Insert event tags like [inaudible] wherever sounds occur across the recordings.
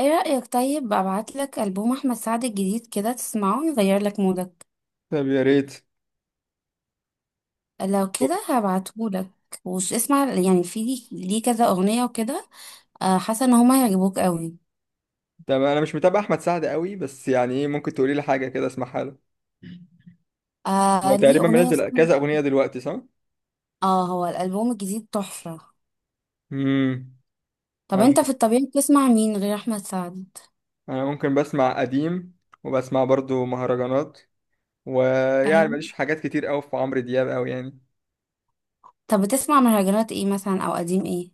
ايه رأيك؟ طيب ابعتلك ألبوم احمد سعد الجديد كده تسمعه، يغير لك مودك. طب يا ريت. لو كده هبعتهولك. وش اسمع يعني؟ في ليه كذا اغنية وكده. آه، حاسة ان هما هيعجبوك قوي. طب انا مش متابع احمد سعد قوي، بس يعني ايه؟ ممكن تقولي لي حاجه كده اسمعها له؟ هو آه، ليه تقريبا اغنية منزل اسمها. كذا اغنيه دلوقتي، صح؟ اه، هو الألبوم الجديد تحفة. امم. طب انا انت في الطبيعي بتسمع مين غير احمد سعد؟ أنا ممكن بسمع قديم. وبسمع برضو مهرجانات. ويعني ماليش ايوه. في حاجات كتير قوي في عمرو دياب قوي يعني. طب بتسمع مهرجانات ايه مثلا، او قديم ايه؟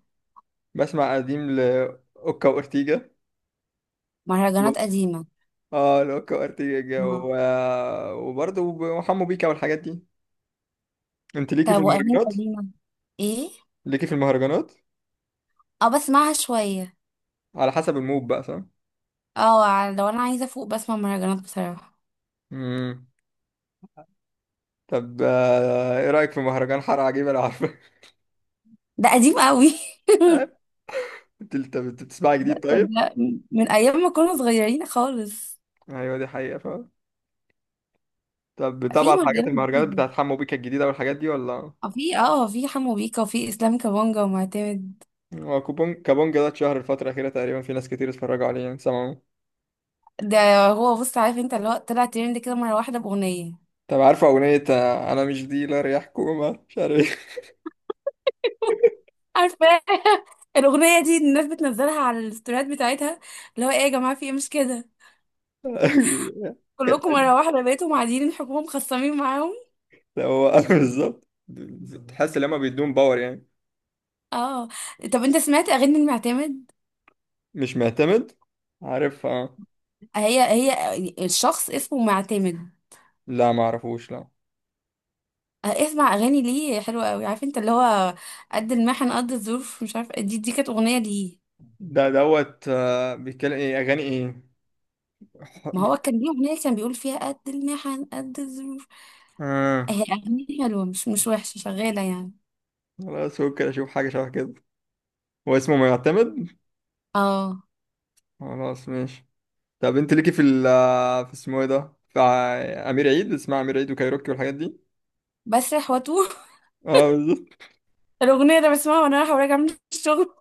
بسمع قديم لاوكا وارتيجا و... مهرجانات قديمة. اه لاوكا وارتيجا و... اه. وبرضو وحمو بيكا والحاجات دي. انت ليكي في طب واغاني المهرجانات؟ قديمة؟ ايه؟ ليكي في المهرجانات؟ اه، بسمعها شوية. على حسب المود بقى، صح؟ اه، لو انا عايزة افوق بسمع مهرجانات بصراحة. امم. طب، ايه رأيك في مهرجان حارة عجيبة لو عارفه؟ [laughs] ده قديم قوي [laughs] انت بتسمعي ده جديد ده, طيب؟ ده من ايام ما كنا صغيرين خالص. ايوه، دي حقيقة فعلا. طب بتابع في الحاجات مهرجانات المهرجانات كتير. بتاعت حمو بيكا الجديدة والحاجات دي، ولا؟ اه، في حمو بيكا وفي اسلام كابونجا ومعتمد. هو كوبون كابونجا ده اتشهر الفترة الأخيرة تقريبا، في ناس كتير اتفرجوا عليه، يعني سمعوا؟ ده، هو بص، عارف انت اللي هو طلع ترند كده مره واحده باغنيه. طب عارفة أغنية، أنا مش ديلر يا حكومة مش عارف ايه؟ عارفه [laughs] الاغنيه دي الناس بتنزلها على الستوريات بتاعتها، اللي هو ايه يا جماعه، في ايه؟ مش كده؟ [laughs] كلكم كانت- مره واحده بقيتوا معادين الحكومه مخصمين معاهم. هو [laughs] بالظبط. بتحس إن هما بيدوم باور يعني. اه. طب انت سمعت اغاني المعتمد؟ مش معتمد. عارف، اه. هي الشخص اسمه معتمد. لا، ما اعرفوش، لا. آه، اسمع اغاني ليه حلوه قوي، عارف انت اللي هو قد المحن قد الظروف، مش عارفه، دي كانت اغنيه ليه. ده دوت، بيتكلم ايه؟ أغاني ايه؟ ما هو كان ليه اغنيه كان بيقول فيها قد المحن قد الظروف. آه، اه، هي اغنيه حلوه، مش وحشه، شغاله يعني. خلاص. ممكن اشوف حاجه شبه كده. هو اسمه معتمد؟ اه، خلاص ماشي. طب انت ليكي في ال آه، في اسمه ايه ده امير عيد، اسمها امير عيد وكايروكي والحاجات دي؟ بسرح واتوه اه، بالظبط. [laughs] الاغنيه ده بسمعها وانا رايحه وراجعه من الشغل،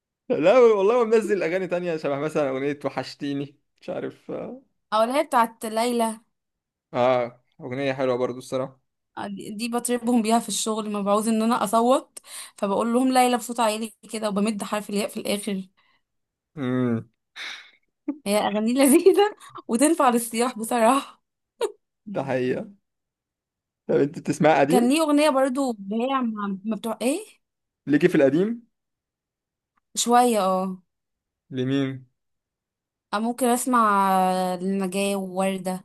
[laughs] لا والله، هو منزل اغاني تانية شبه مثلا اغنيه وحشتيني، مش عارف، اه. او اللي هي بتاعت ليلى. اغنيه حلوه برضو الصراحه. آه، دي دي بطربهم بيها في الشغل، ما بعوز ان انا اصوت، فبقول لهم ليلى بصوت عالي كده، وبمد حرف الياء في الاخر. امم. هي اغاني لذيذه [laughs] وتنفع للسياح بصراحه. ده حقيقه. طب انت بتسمع كان قديم؟ ليه اغنيه برضو اللي هي مع- ما بتوع ايه. ليكي في القديم؟ شويه اه. لمين؟ أنا ممكن اسمع لنجاة ووردة،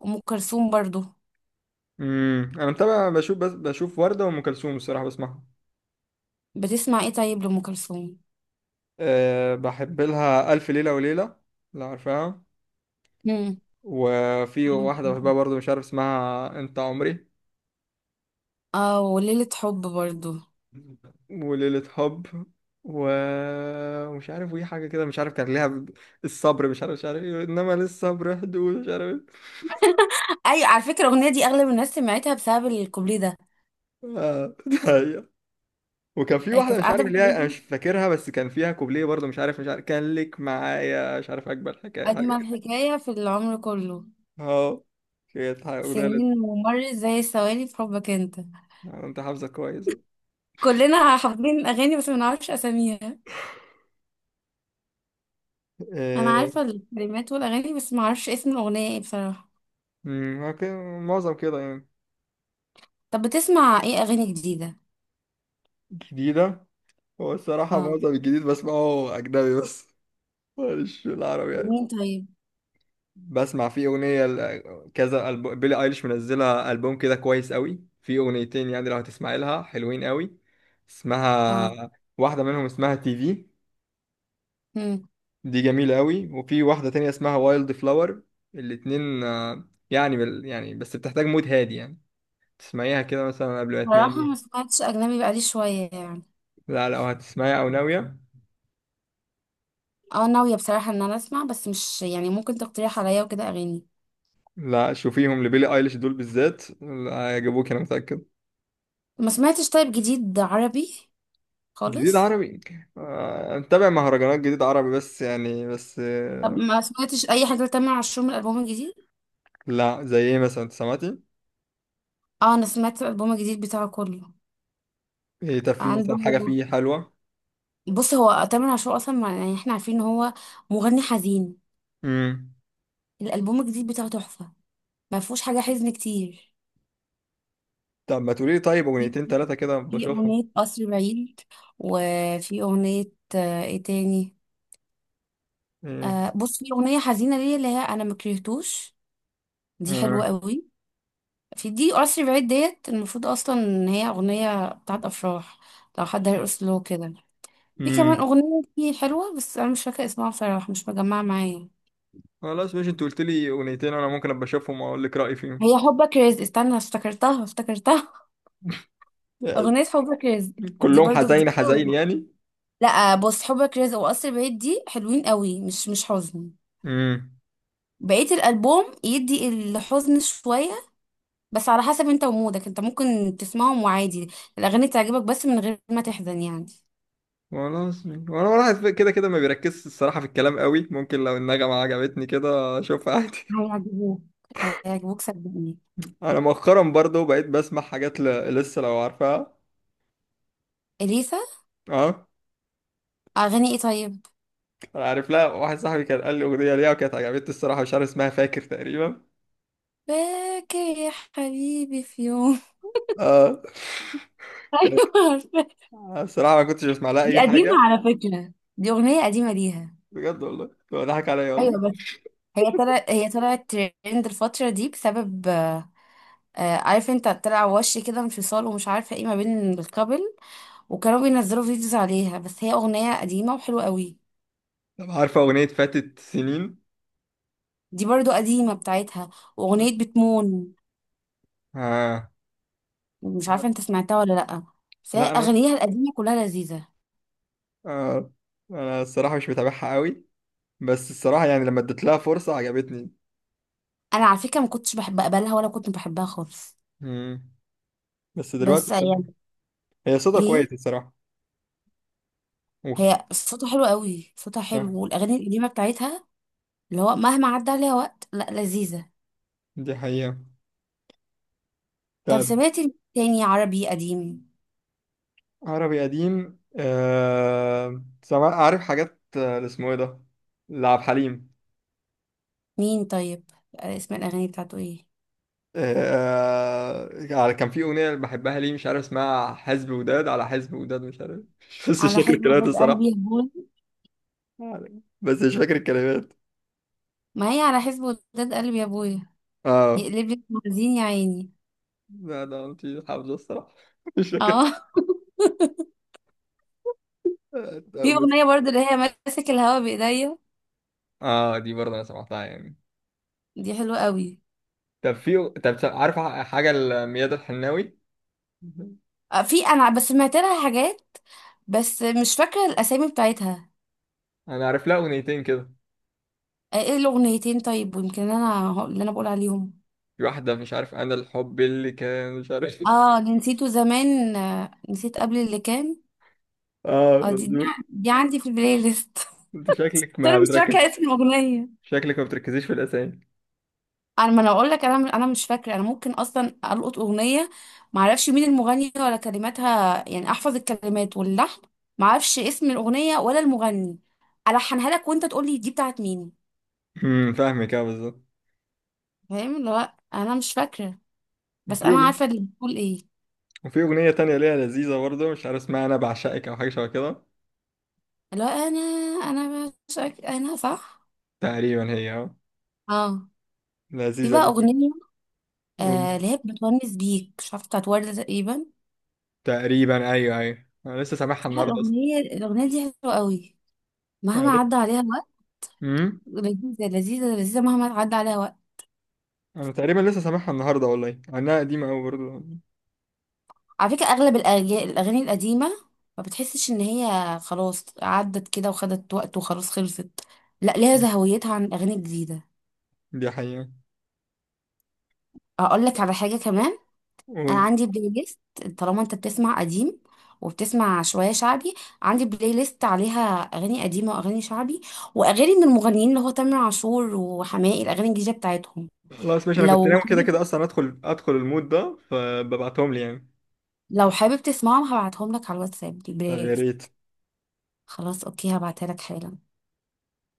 وام كلثوم برضو. انا متابع، بشوف، بس بشوف ورده وام كلثوم الصراحه بسمعها. بتسمع ايه طيب لام كلثوم؟ أه، بحب لها الف ليله وليله، لو عارفاها. امم. وفي واحدة بحبها برضو مش عارف اسمها، انت عمري. اه، وليلة حب برضو. وليلة حب. ومش عارف وايه حاجة كده، مش عارف كان ليها الصبر، مش عارف ايه، انما للصبر حدود، مش عارف ايه. ايوه، على فكره الاغنيه دي اغلب الناس سمعتها بسبب الكوبليه ده. آه، [laughs] ده. هي. وكان في واحدة كانت مش عارف قاعده ليها، انا بتعيده: مش فاكرها، بس كان فيها كوبليه برضو، مش عارف كان لك معايا، مش عارف، اكبر حكاية، حاجة اجمل كده. حكايه في العمر كله، اه، كانت حاجة أغنية لذيذة. سنين ومرت زي الثواني في حبك انت. آه، انت حافظة كويس. كلنا حافظين اغاني بس ما نعرفش اساميها. انا إيه. عارفه الكلمات والاغاني، بس ما اعرفش اسم الاغنيه ايه بصراحه. أمم، اوكي. معظم كده يعني. طب بتسمع ايه اغاني جديده؟ جديدة؟ هو الصراحة اه. معظم الجديد بسمعه أجنبي بس. [laughs] مش العربي يعني. مين طيب؟ بسمع في أغنية كذا بيلي أيليش منزلة ألبوم كده كويس قوي، في أغنيتين يعني، لو هتسمعي لها حلوين قوي. اه. اسمها، واحدة منهم اسمها تي في. امم. دي جميلة قوي، وفي واحدة تانية اسمها وايلد فلاور. الاتنين، يعني يعني بس بتحتاج مود هادي يعني. تسمعيها كده مثلا قبل ما بصراحه ما تنامي. سمعتش اجنبي بقالي شويه يعني. لا، لو هتسمعيها أو ناوية. اه، ناويه بصراحه ان انا اسمع، بس مش يعني ممكن تقترح عليا وكده اغاني. لا، شوفيهم لبيلي أيليش دول بالذات، لا، هيعجبوك أنا متأكد. ما سمعتش طيب جديد عربي جديد خالص. عربي؟ آه، متابع مهرجانات جديد عربي، بس يعني، بس طب ما سمعتش اي حاجه لتامر عاشور من الالبوم الجديد؟ لا، زي ايه مثلا؟ انت سمعتي؟ اه، انا سمعت الالبوم الجديد بتاعه كله. ايه؟ طب في عنده. مثلا حاجة فيه حلوة؟ بص، هو تامر عاشور اصلا ما- يعني احنا عارفين ان هو مغني حزين. امم. الالبوم الجديد بتاعه تحفه، ما فيهوش حاجه حزن كتير. طب ما تقولي لي طيب اغنيتين تلاتة كده في بشوفهم؟ أغنية قصر بعيد، وفي أغنية آه، إيه تاني؟ ايه؟ آه، بص في أغنية حزينة ليا اللي هي أنا مكرهتوش، دي آه. حلوة قوي. في دي قصر بعيد، ديت المفروض أصلا إن هي أغنية بتاعت أفراح، لو حد هيرقص له كده. في امم. كمان أغنية دي حلوة، بس أنا مش فاكرة اسمها بصراحة، مش مجمعة معايا. خلاص ماشي، انت قلت لي اغنيتين، انا ممكن ابقى اشوفهم واقول لك رأيي فيهم. هي حبك رزق، استنى، افتكرتها [laughs] آه، أغنية حبك رزق. دي كلهم برضو حزين جديدة حزين و... يعني؟ لا، بص، حبك رزق وقصر بعيد دي حلوين قوي، مش حزن. امم. بقية الألبوم يدي الحزن شوية، بس على حسب انت ومودك، انت ممكن تسمعهم وعادي، الأغاني تعجبك بس من غير ما تحزن يعني. خلاص ماشي. وانا واحد كده كده ما بيركزش الصراحة في الكلام قوي، ممكن لو النغمة عجبتني كده اشوفها عادي. هيعجبوك، هيعجبوك صدقني. انا مؤخرا برضو بقيت بسمع حاجات لسه، لو عارفها؟ إليسا. اه. أغاني ايه طيب؟ انا عارف لها، واحد صاحبي كان قال لي اغنيه ليها وكانت عجبتني الصراحه، مش عارف اسمها، فاكر تقريبا. باكي. يا حبيبي في يوم [laughs] اه. كانت. أيوة، عارفة. الصراحه ما كنتش بسمع لها دي اي قديمة حاجه. على فكرة، دي أغنية قديمة ليها. بجد والله، هو ضحك عليا والله. أيوة بس، هي طلعت ترند الفترة دي بسبب آه، عارف انت، طلع وش كده انفصال ومش عارفة ايه ما بين الكابل، وكانوا بينزلوا فيديوز عليها، بس هي اغنيه قديمه وحلوه قوي. طب عارفه اغنيه فاتت سنين؟ دي برضو قديمه بتاعتها، واغنيه بتمون. اه. مش عارفه انت سمعتها ولا لا، بس هي لا، انا. اغانيها القديمه كلها لذيذه. آه. انا الصراحه مش متابعها قوي. بس الصراحه يعني لما اديت لها فرصه عجبتني. انا على فكره ما كنتش بحب اقبلها، ولا كنت بحبها خالص. مم. بس دلوقتي بس الصراحة-. يعني هي صوتها ايه، كويس الصراحه. و-. هي صوتها حلو قوي، صوتها آه. حلو، والاغاني القديمه بتاعتها اللي هو مهما عدى عليها وقت، لا، لذيذه. دي حقيقه. طب طب. سمعتي تاني عربي قديم؟ عربي قديم. عارف حاجات، اللي اسمه ايه ده. لعب حليم. مين طيب؟ آه، اسم الاغاني بتاعته ايه؟ كان في اغنيه بحبها ليه، مش عارف اسمها، حزب وداد، على حزب وداد، مش عارف. [laughs] بس مش على فاكر حسب الكلمات وداد قلبي الصراحه. يا ابويا. بس مش فاكر الكلمات. ما هي على حسب وداد قلبي يا ابويا، اه. يقلب لك موازين يا عيني. لا، ده انت. حافظه الصراحه. [laughs] مش فاكر. اه [laughs] طب في بس-. اغنيه برضو اللي هي ماسك الهوا بايديا، آه، دي برضه انا سمعتها يعني. دي حلوه قوي. طب عارف. حاجه لميادة الحناوي. آه، في انا بس سمعت لها حاجات، بس مش فاكره الاسامي بتاعتها. انا عارف لها اغنيتين كده. آه، ايه الاغنيتين طيب؟ ويمكن انا هو- اللي انا بقول عليهم. في واحدة مش عارف، أنا الحب اللي كان، مش عارف اه، [laughs] اللي نسيته زمان، آه، نسيت قبل اللي كان. اه، اه، مظبوط. دي عندي في البلاي ليست [laughs] أنت شكلك بس انا ما مش بتركز. فاكره اسم الاغنيه. شكلك ما بتركزيش في الأسامي. انا، ما انا اقول لك، انا مش فاكره. انا ممكن اصلا القط اغنيه ما اعرفش مين المغني ولا كلماتها، يعني احفظ الكلمات واللحن، ما اعرفش اسم الاغنيه ولا المغني، الحنها لك وانت تقول لي دي بتاعت مين. فاهمك، أه، بالظبط. فاهم اللي هو انا مش فاكره، بس وفي انا أغنية. عارفه اللي بتقول ايه. وفي أغنية تانية ليها لذيذة برضه، مش عارف اسمها، أنا بعشقك أو حاجة شبه كده. اللي هو انا، انا بشك انا صح. تقريبا هي، أه. اه، دي لذيذة بقى دي. اغنيه آه مم. اللي هي بتونس بيك، مش عارفه، بتاعت ورده تقريبا. تقريبا، أيوه، أيوه، أنا لسه سامعها بصراحة النهاردة أصلا. الاغنيه دي حلوه قوي، أنا مهما لسه. عدى عليها الوقت. امم. لذيذه لذيذه لذيذه، مهما عدى عليها وقت. أنا تقريبا لسه سامعها النهاردة، والله إنها قديمة أوي برضه. على فكرة أغلب الأغاني القديمة ما بتحسش إن هي خلاص عدت كده وخدت وقت وخلاص خلصت، لا، ليها مم. زهويتها عن الأغاني الجديدة. دي حقيقة. أقول لك على حاجة كمان. أنا قول. عندي بلاي ليست، طالما أنت بتسمع قديم وبتسمع شوية شعبي، عندي بلاي ليست عليها أغاني قديمة وأغاني شعبي، وأغاني من المغنيين اللي هو تامر عاشور وحماقي، الأغاني الجديدة بتاعتهم. خلاص ماشي، أنا كنت لو ناوي كده حابب، كده أصلا أدخل المود ده، فببعتهم لي يعني. لو حابب تسمعهم هبعتهم لك على الواتساب طب البلاي يا ليست. ريت. خلاص، أوكي، هبعتها لك حالا.